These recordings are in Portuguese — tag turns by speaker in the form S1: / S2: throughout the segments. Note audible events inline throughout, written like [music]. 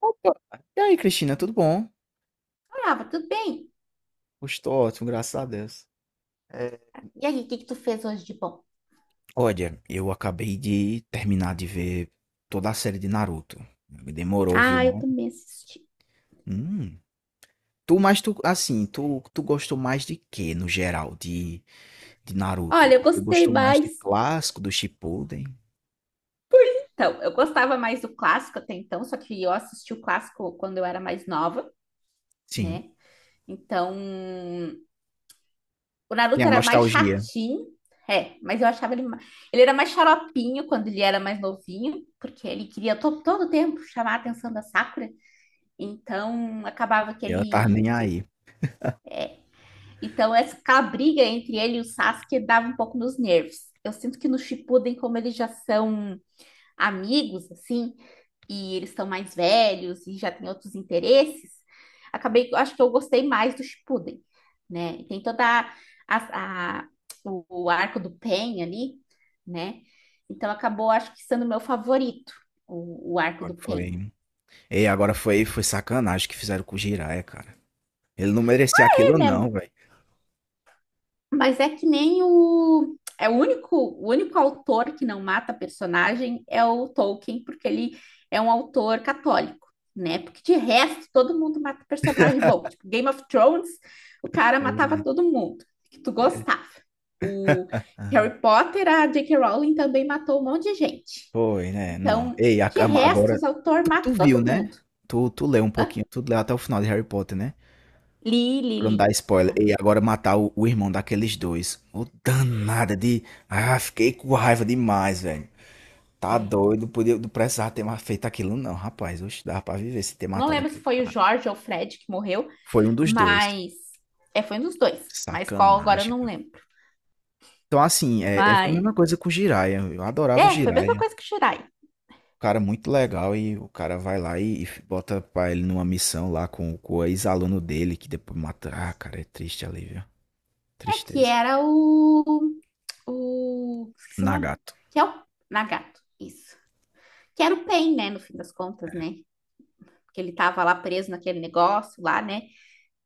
S1: Opa! E aí, Cristina, tudo bom?
S2: Brava, tudo bem?
S1: Estou ótimo, graças a Deus. É,
S2: E aí, o que que tu fez hoje de bom?
S1: Olha, eu acabei de terminar de ver toda a série de Naruto. Me demorou, viu,
S2: Ah, eu
S1: mano?
S2: também assisti.
S1: Hum. Assim, tu gostou mais de quê, no geral, de
S2: Olha,
S1: Naruto?
S2: eu
S1: Você
S2: gostei
S1: gostou mais do
S2: mais.
S1: clássico, do Shippuden?
S2: Então, eu gostava mais do clássico até então, só que eu assisti o clássico quando eu era mais nova,
S1: Sim.
S2: né? Então, o
S1: Tem
S2: Naruto
S1: a
S2: era mais
S1: nostalgia.
S2: chatinho, é, mas eu achava ele era mais xaropinho quando ele era mais novinho, porque ele queria todo tempo chamar a atenção da Sakura. Então, acabava que
S1: E ela tá
S2: ele,
S1: nem
S2: que.
S1: aí.
S2: Então, essa a briga entre ele e o Sasuke dava um pouco nos nervos. Eu sinto que no Shippuden, como eles já são amigos, assim, e eles estão mais velhos e já têm outros interesses, acabei, acho que eu gostei mais do Shippuden, né? E tem toda a- a- o arco do Pen ali, né? Então, acabou, acho que sendo o meu favorito, o arco
S1: Agora
S2: do Pen.
S1: foi. Ei, agora foi sacanagem que fizeram com o Jiraiya, cara. Ele não merecia
S2: É,
S1: aquilo,
S2: né?
S1: não, velho.
S2: Mas é que nem o. É o único autor que não mata personagem é o Tolkien, porque ele é um autor católico, né? Porque de resto, todo mundo mata personagem bom. Tipo, Game of Thrones, o cara matava
S1: Eita.
S2: todo mundo que tu gostava. O
S1: Ah,
S2: Harry Potter, a J.K. Rowling também matou um monte de gente.
S1: foi, né? Não.
S2: Então,
S1: Ei,
S2: de resto, os
S1: agora
S2: autores
S1: tu
S2: matam
S1: viu,
S2: todo
S1: né?
S2: mundo.
S1: Tu leu um pouquinho,
S2: Hã?
S1: tu leu até o final de Harry Potter, né?
S2: Li, li,
S1: Pra não
S2: li.
S1: dar spoiler.
S2: Aham,
S1: E agora matar o irmão daqueles dois. Ô, danada de. Ah, fiquei com raiva demais, velho. Tá
S2: é.
S1: doido, podia, não precisava ter mais feito aquilo, não, rapaz. Oxe, dava pra viver se ter
S2: Não
S1: matado
S2: lembro se
S1: aquele
S2: foi o
S1: cara.
S2: Jorge ou o Fred que morreu.
S1: Foi um dos dois.
S2: Mas. É, foi um dos dois. Mas qual agora eu
S1: Sacanagem,
S2: não
S1: cara.
S2: lembro.
S1: Então, assim, foi a
S2: Mas.
S1: mesma coisa com o Jiraiya. Eu adorava o
S2: É, foi a mesma
S1: Jiraiya.
S2: coisa que o Shirai.
S1: Cara muito legal e o cara vai lá e bota pra ele numa missão lá com o ex-aluno dele, que depois mata. Ah, cara, é triste ali, viu?
S2: É que
S1: Tristeza.
S2: era o. O. Esqueci o nome.
S1: Nagato.
S2: Que é o Nagato. Isso. Que era o Pain, né? No fim das contas, né? Porque ele tava lá preso naquele negócio lá, né?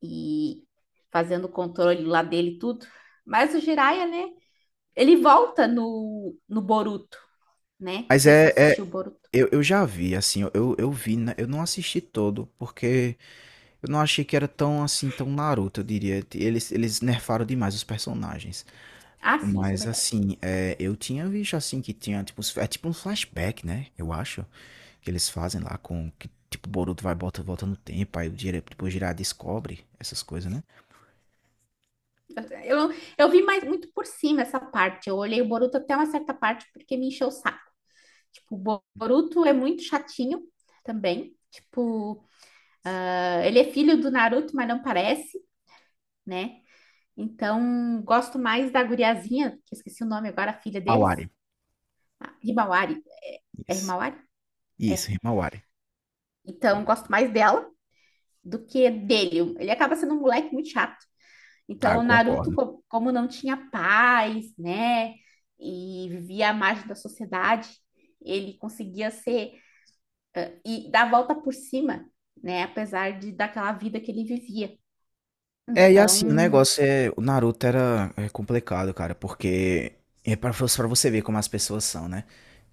S2: E fazendo o controle lá dele e tudo. Mas o Jiraiya, né? Ele volta no Boruto, né? Não
S1: Mas
S2: sei se tu assistiu o Boruto.
S1: eu já vi, assim, eu vi, né? Eu não assisti todo, porque eu não achei que era tão, assim, tão Naruto, eu diria. Eles nerfaram demais os personagens.
S2: Ah, sim, isso é
S1: Mas
S2: verdade.
S1: assim, eu tinha visto assim que tinha tipo, é tipo um flashback, né? Eu acho que eles fazem lá com que tipo o Boruto vai bota volta no tempo, aí o Jiraiya, tipo, o Jiraiya descobre essas coisas, né?
S2: Eu, não- eu vi mais muito por cima essa parte. Eu olhei o Boruto até uma certa parte porque me encheu o saco. Tipo, o Boruto é muito chatinho também. Tipo, ah, ele é filho do Naruto, mas não parece, né? Então, gosto mais da guriazinha, que eu esqueci o nome agora, a filha deles,
S1: Awari.
S2: a Himawari. É
S1: Isso.
S2: Himawari? É.
S1: Isso, rima Awari.
S2: Então, gosto mais dela do que dele. Ele acaba sendo um moleque muito chato.
S1: Ah,
S2: Então,
S1: eu
S2: o Naruto,
S1: concordo.
S2: como não tinha paz, né, e vivia à margem da sociedade, ele conseguia ser e dar a volta por cima, né, apesar de daquela vida que ele vivia.
S1: E assim, o
S2: Então,
S1: negócio é. O Naruto era é complicado, cara, porque. É pra, pra você ver como as pessoas são, né?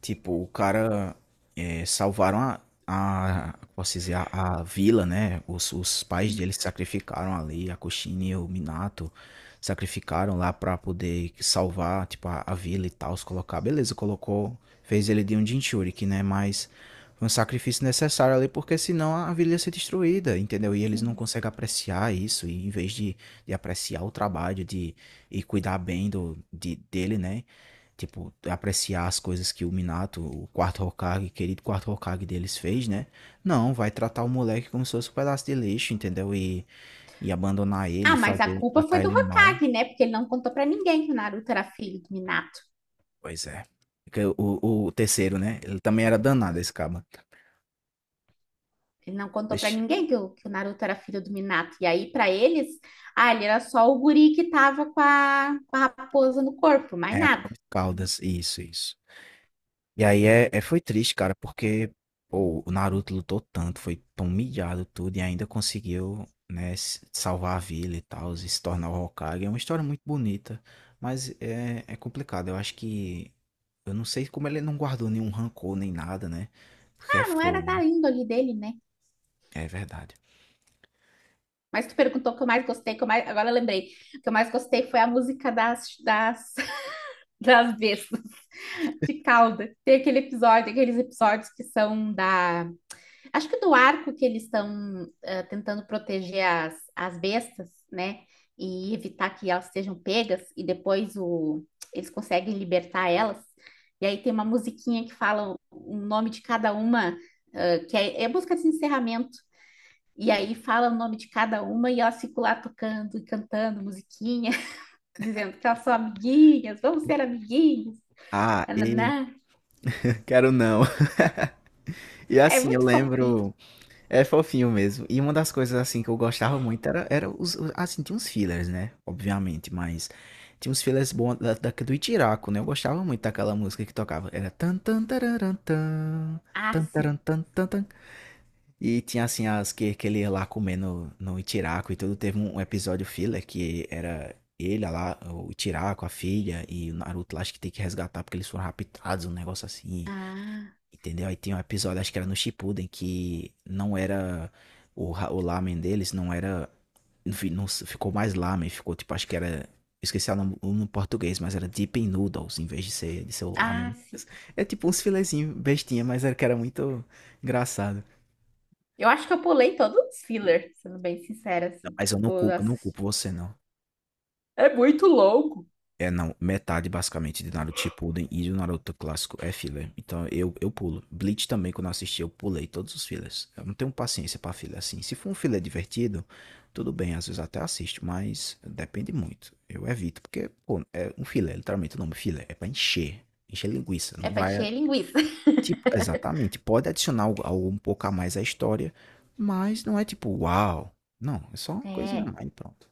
S1: Tipo, o cara. Salvaram a. A posso dizer, a, vila, né? Os pais
S2: sim,
S1: dele se sacrificaram ali, a Kushina e o Minato sacrificaram lá pra poder salvar, tipo, a vila e tal, se colocar. Beleza, colocou. Fez ele de um Jinchuriki, né? Mas um sacrifício necessário ali, porque senão a vila ia ser destruída, entendeu? E eles não
S2: sim.
S1: conseguem apreciar isso, e em vez de, apreciar o trabalho de, e cuidar bem do, de, dele, né? Tipo, apreciar as coisas que o Minato, o quarto Hokage, querido quarto Hokage deles fez, né? Não, vai tratar o moleque como se fosse um pedaço de lixo, entendeu? E abandonar ele,
S2: Ah, mas a
S1: fazer,
S2: culpa foi
S1: tratar
S2: do
S1: ele mal.
S2: Hokage, né? Porque ele não contou pra ninguém que o Naruto era filho do Minato.
S1: Pois é. Porque o terceiro, né? Ele também era danado, esse caba.
S2: Ele não contou pra
S1: Deixa.
S2: ninguém que o Naruto era filho do Minato. E aí, pra eles, ah, ele era só o guri que tava com a raposa no corpo, mais
S1: É,
S2: nada.
S1: Caldas, isso, isso. E aí foi triste, cara, porque pô, o Naruto lutou tanto, foi tão humilhado tudo e ainda conseguiu, né, salvar a vila e tal, e se tornar o Hokage. É uma história muito bonita, mas é complicado. Eu acho que eu não sei como ele não guardou nenhum rancor nem nada, né? Porque é
S2: Ah, não era
S1: fogo, né?
S2: da índole dele, né?
S1: É verdade.
S2: Mas tu perguntou o que eu mais gostei, que eu mais. Agora eu lembrei. O que eu mais gostei foi a música [laughs] das bestas, de cauda. Tem aquele episódio, aqueles episódios que são da. Acho que do arco que eles estão tentando proteger as bestas, né? E evitar que elas sejam pegas, e depois o. Eles conseguem libertar elas. E aí tem uma musiquinha que fala o nome de cada uma, que é música de encerramento. E aí fala o nome de cada uma e elas ficam lá tocando e cantando musiquinha, [laughs] dizendo que elas são amiguinhas, vamos ser amiguinhas.
S1: Ah, e
S2: Nananá.
S1: [laughs] quero não. [laughs] E
S2: É
S1: assim, eu
S2: muito fofinho.
S1: lembro. É fofinho mesmo. E uma das coisas assim que eu gostava muito era assim, tinha uns fillers, né? Obviamente, mas tinha uns fillers bons do Itiraco, né? Eu gostava muito daquela música que tocava. Era tan tan tararan, tan,
S2: Ah,
S1: tan taran,
S2: sim.
S1: tan tan tan. E tinha assim as que ele ia lá comer no Itiraco e tudo. Teve um episódio filler que era ele lá, o Itiraco, a filha e o Naruto lá, acho que tem que resgatar porque eles foram raptados, um negócio assim.
S2: Ah,
S1: Entendeu? Aí tem um episódio, acho que era no Shippuden, que não era o lamen deles, não era. Não, não ficou mais lamen, ficou tipo, acho que era. Esqueci o nome em português, mas era Deep in Noodles, em vez de ser, o
S2: ah,
S1: lamen.
S2: sim.
S1: É tipo uns filezinhos bestinha, mas era que era muito engraçado.
S2: Eu acho que eu pulei todos os filler, sendo bem sincera,
S1: Não,
S2: assim.
S1: mas eu não
S2: Tipo,
S1: culpo, eu não
S2: nossa,
S1: culpo você, não.
S2: é muito longo.
S1: É, não, metade basicamente de Naruto Shippuden e do Naruto clássico é filler. Então eu pulo. Bleach também, quando eu assisti, eu pulei todos os fillers. Eu não tenho paciência pra filler assim. Se for um filler divertido, tudo bem, às vezes até assisto, mas depende muito. Eu evito, porque, pô, é um filler, literalmente o nome filler é pra encher, encher linguiça.
S2: É
S1: Não
S2: pra
S1: vai,
S2: encher linguiça. [laughs]
S1: tipo, exatamente. Pode adicionar algo um pouco a mais à história, mas não é tipo, uau. Não, é só uma coisinha a
S2: É.
S1: mais, e pronto.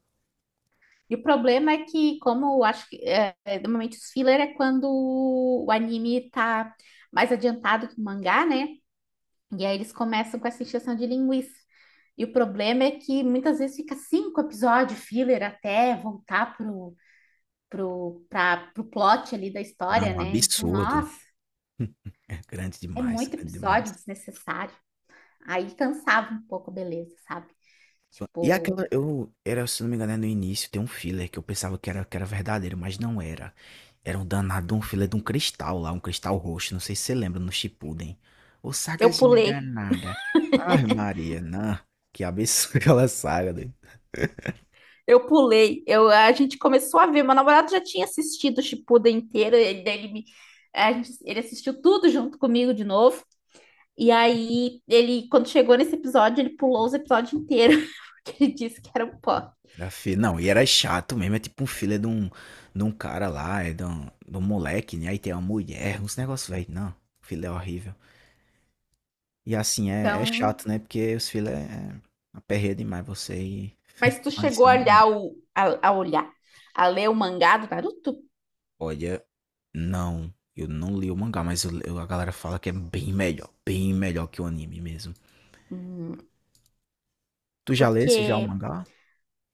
S2: E o problema é que, como eu acho que é, normalmente os filler é quando o anime tá mais adiantado que o mangá, né? E aí eles começam com essa encheção de linguiça. E o problema é que muitas vezes fica cinco episódios filler até voltar pro plot ali da história,
S1: Não,
S2: né? Então,
S1: absurdo.
S2: nossa,
S1: É grande
S2: é
S1: demais,
S2: muito
S1: grande demais.
S2: episódio desnecessário. Aí cansava um pouco, beleza, sabe?
S1: E
S2: Tipo.
S1: aquela, eu, era, se não me engano, é no início, tem um filler que eu pensava que era verdadeiro, mas não era. Era um danado, um filler de um cristal lá, um cristal roxo, não sei se você lembra, no Shippuden. Ô,
S2: Eu
S1: sagazinha
S2: pulei.
S1: danada. Ai, Maria, não. Que absurdo [laughs] aquela saga, doido.
S2: Eu pulei. A gente começou a ver. Meu namorado já tinha assistido o Shippuden inteiro. Ele, me- a gente- ele assistiu tudo junto comigo de novo. E aí, ele, quando chegou nesse episódio, ele pulou os episódios inteiros, [laughs] porque ele disse que era um pó.
S1: Não, e era chato mesmo, é tipo um filler de um cara lá, é de um moleque, né? Aí tem uma mulher, uns negócios, velho. Não, filler é horrível. E assim, é
S2: Então,
S1: chato, né? Porque os filler é aperreia demais você e
S2: mas tu
S1: não
S2: chegou a
S1: adiciona.
S2: olhar o, a olhar, a ler o mangá do Naruto?
S1: Olha, não. Eu não li o mangá, mas a galera fala que é bem melhor. Bem melhor que o anime mesmo.
S2: Hum,
S1: Tu já lesse já o
S2: porque
S1: mangá?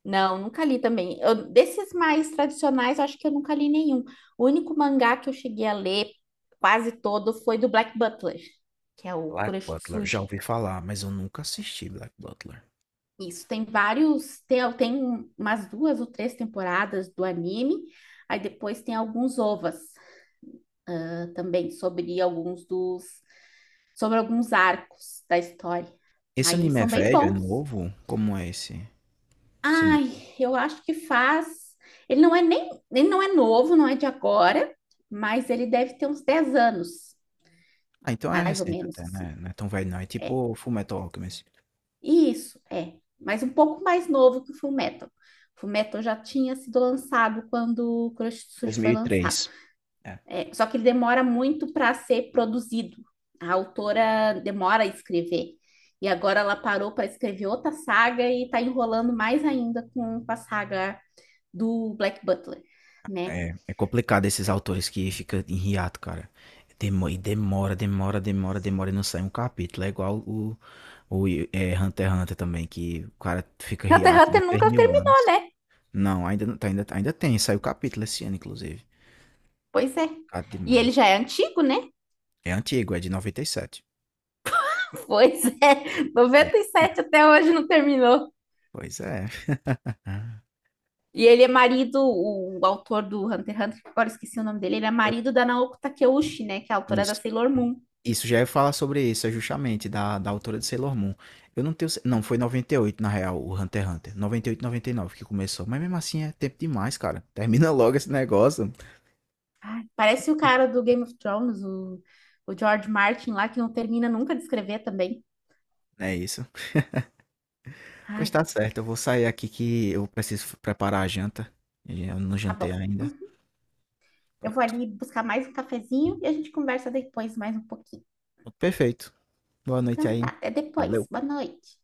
S2: não, nunca li também. Desses mais tradicionais, eu acho que eu nunca li nenhum. O único mangá que eu cheguei a ler quase todo foi do Black Butler, que é o
S1: Black Butler. Já
S2: Kuroshitsuji.
S1: ouvi falar, mas eu nunca assisti Black Butler.
S2: Isso, tem vários, tem umas duas ou três temporadas do anime, aí depois tem alguns ovas também sobre alguns arcos da história.
S1: Esse
S2: Aí
S1: anime é
S2: são bem
S1: velho? É
S2: bons.
S1: novo? Como é esse anime?
S2: Ai, eu acho que faz, ele não é novo, não é de agora, mas ele deve ter uns 10 anos,
S1: Ah, então é
S2: mais ou
S1: recente
S2: menos
S1: até,
S2: assim.
S1: né? Não é tão velho não. É tipo Fullmetal Alchemist.
S2: Isso, é. Mas um pouco mais novo que o Fullmetal. O Fullmetal já tinha sido lançado quando o Kuroshitsuji foi lançado.
S1: 2003. É.
S2: É, só que ele demora muito para ser produzido. A autora demora a escrever. E agora ela parou para escrever outra saga e está enrolando mais ainda com a saga do Black Butler, né?
S1: É complicado esses autores que fica em hiato, cara. E demora, demora, demora, demora e não sai um capítulo. É igual o Hunter x Hunter também, que o cara fica
S2: Hunter x
S1: hiato
S2: Hunter
S1: de três
S2: nunca
S1: mil
S2: terminou,
S1: anos.
S2: né?
S1: Não, ainda, não tá- ainda, ainda, tem, saiu capítulo esse ano, inclusive.
S2: Pois é.
S1: Complicado
S2: E ele
S1: demais.
S2: já é antigo, né?
S1: É antigo, é de 97.
S2: [laughs] Pois é.
S1: É,
S2: Noventa e
S1: filho,
S2: sete até hoje não terminou.
S1: pois é. Ah,
S2: E ele é marido, o autor do Hunter x Hunter, que agora esqueci o nome dele, ele é
S1: é
S2: marido da Naoko Takeuchi, né? Que é a autora da
S1: isso.
S2: Sailor Moon.
S1: Isso, já ia falar sobre isso, é justamente da autora de Sailor Moon. Eu não tenho. Não, foi 98 na real, o Hunter x Hunter. Noventa e oito, 99 que começou. Mas mesmo assim é tempo demais, cara. Termina [laughs] logo esse negócio.
S2: Ai, parece o cara do Game of Thrones, o George Martin lá, que não termina nunca de escrever também.
S1: É isso. Pois
S2: Ai,
S1: tá certo, eu vou sair aqui que eu preciso preparar a janta. Eu não
S2: tá
S1: jantei
S2: bom.
S1: ainda.
S2: Eu vou
S1: Pronto,
S2: ali buscar mais um cafezinho e a gente conversa depois mais um pouquinho.
S1: perfeito. Boa noite
S2: Então tá,
S1: aí.
S2: até depois.
S1: Valeu.
S2: Boa noite.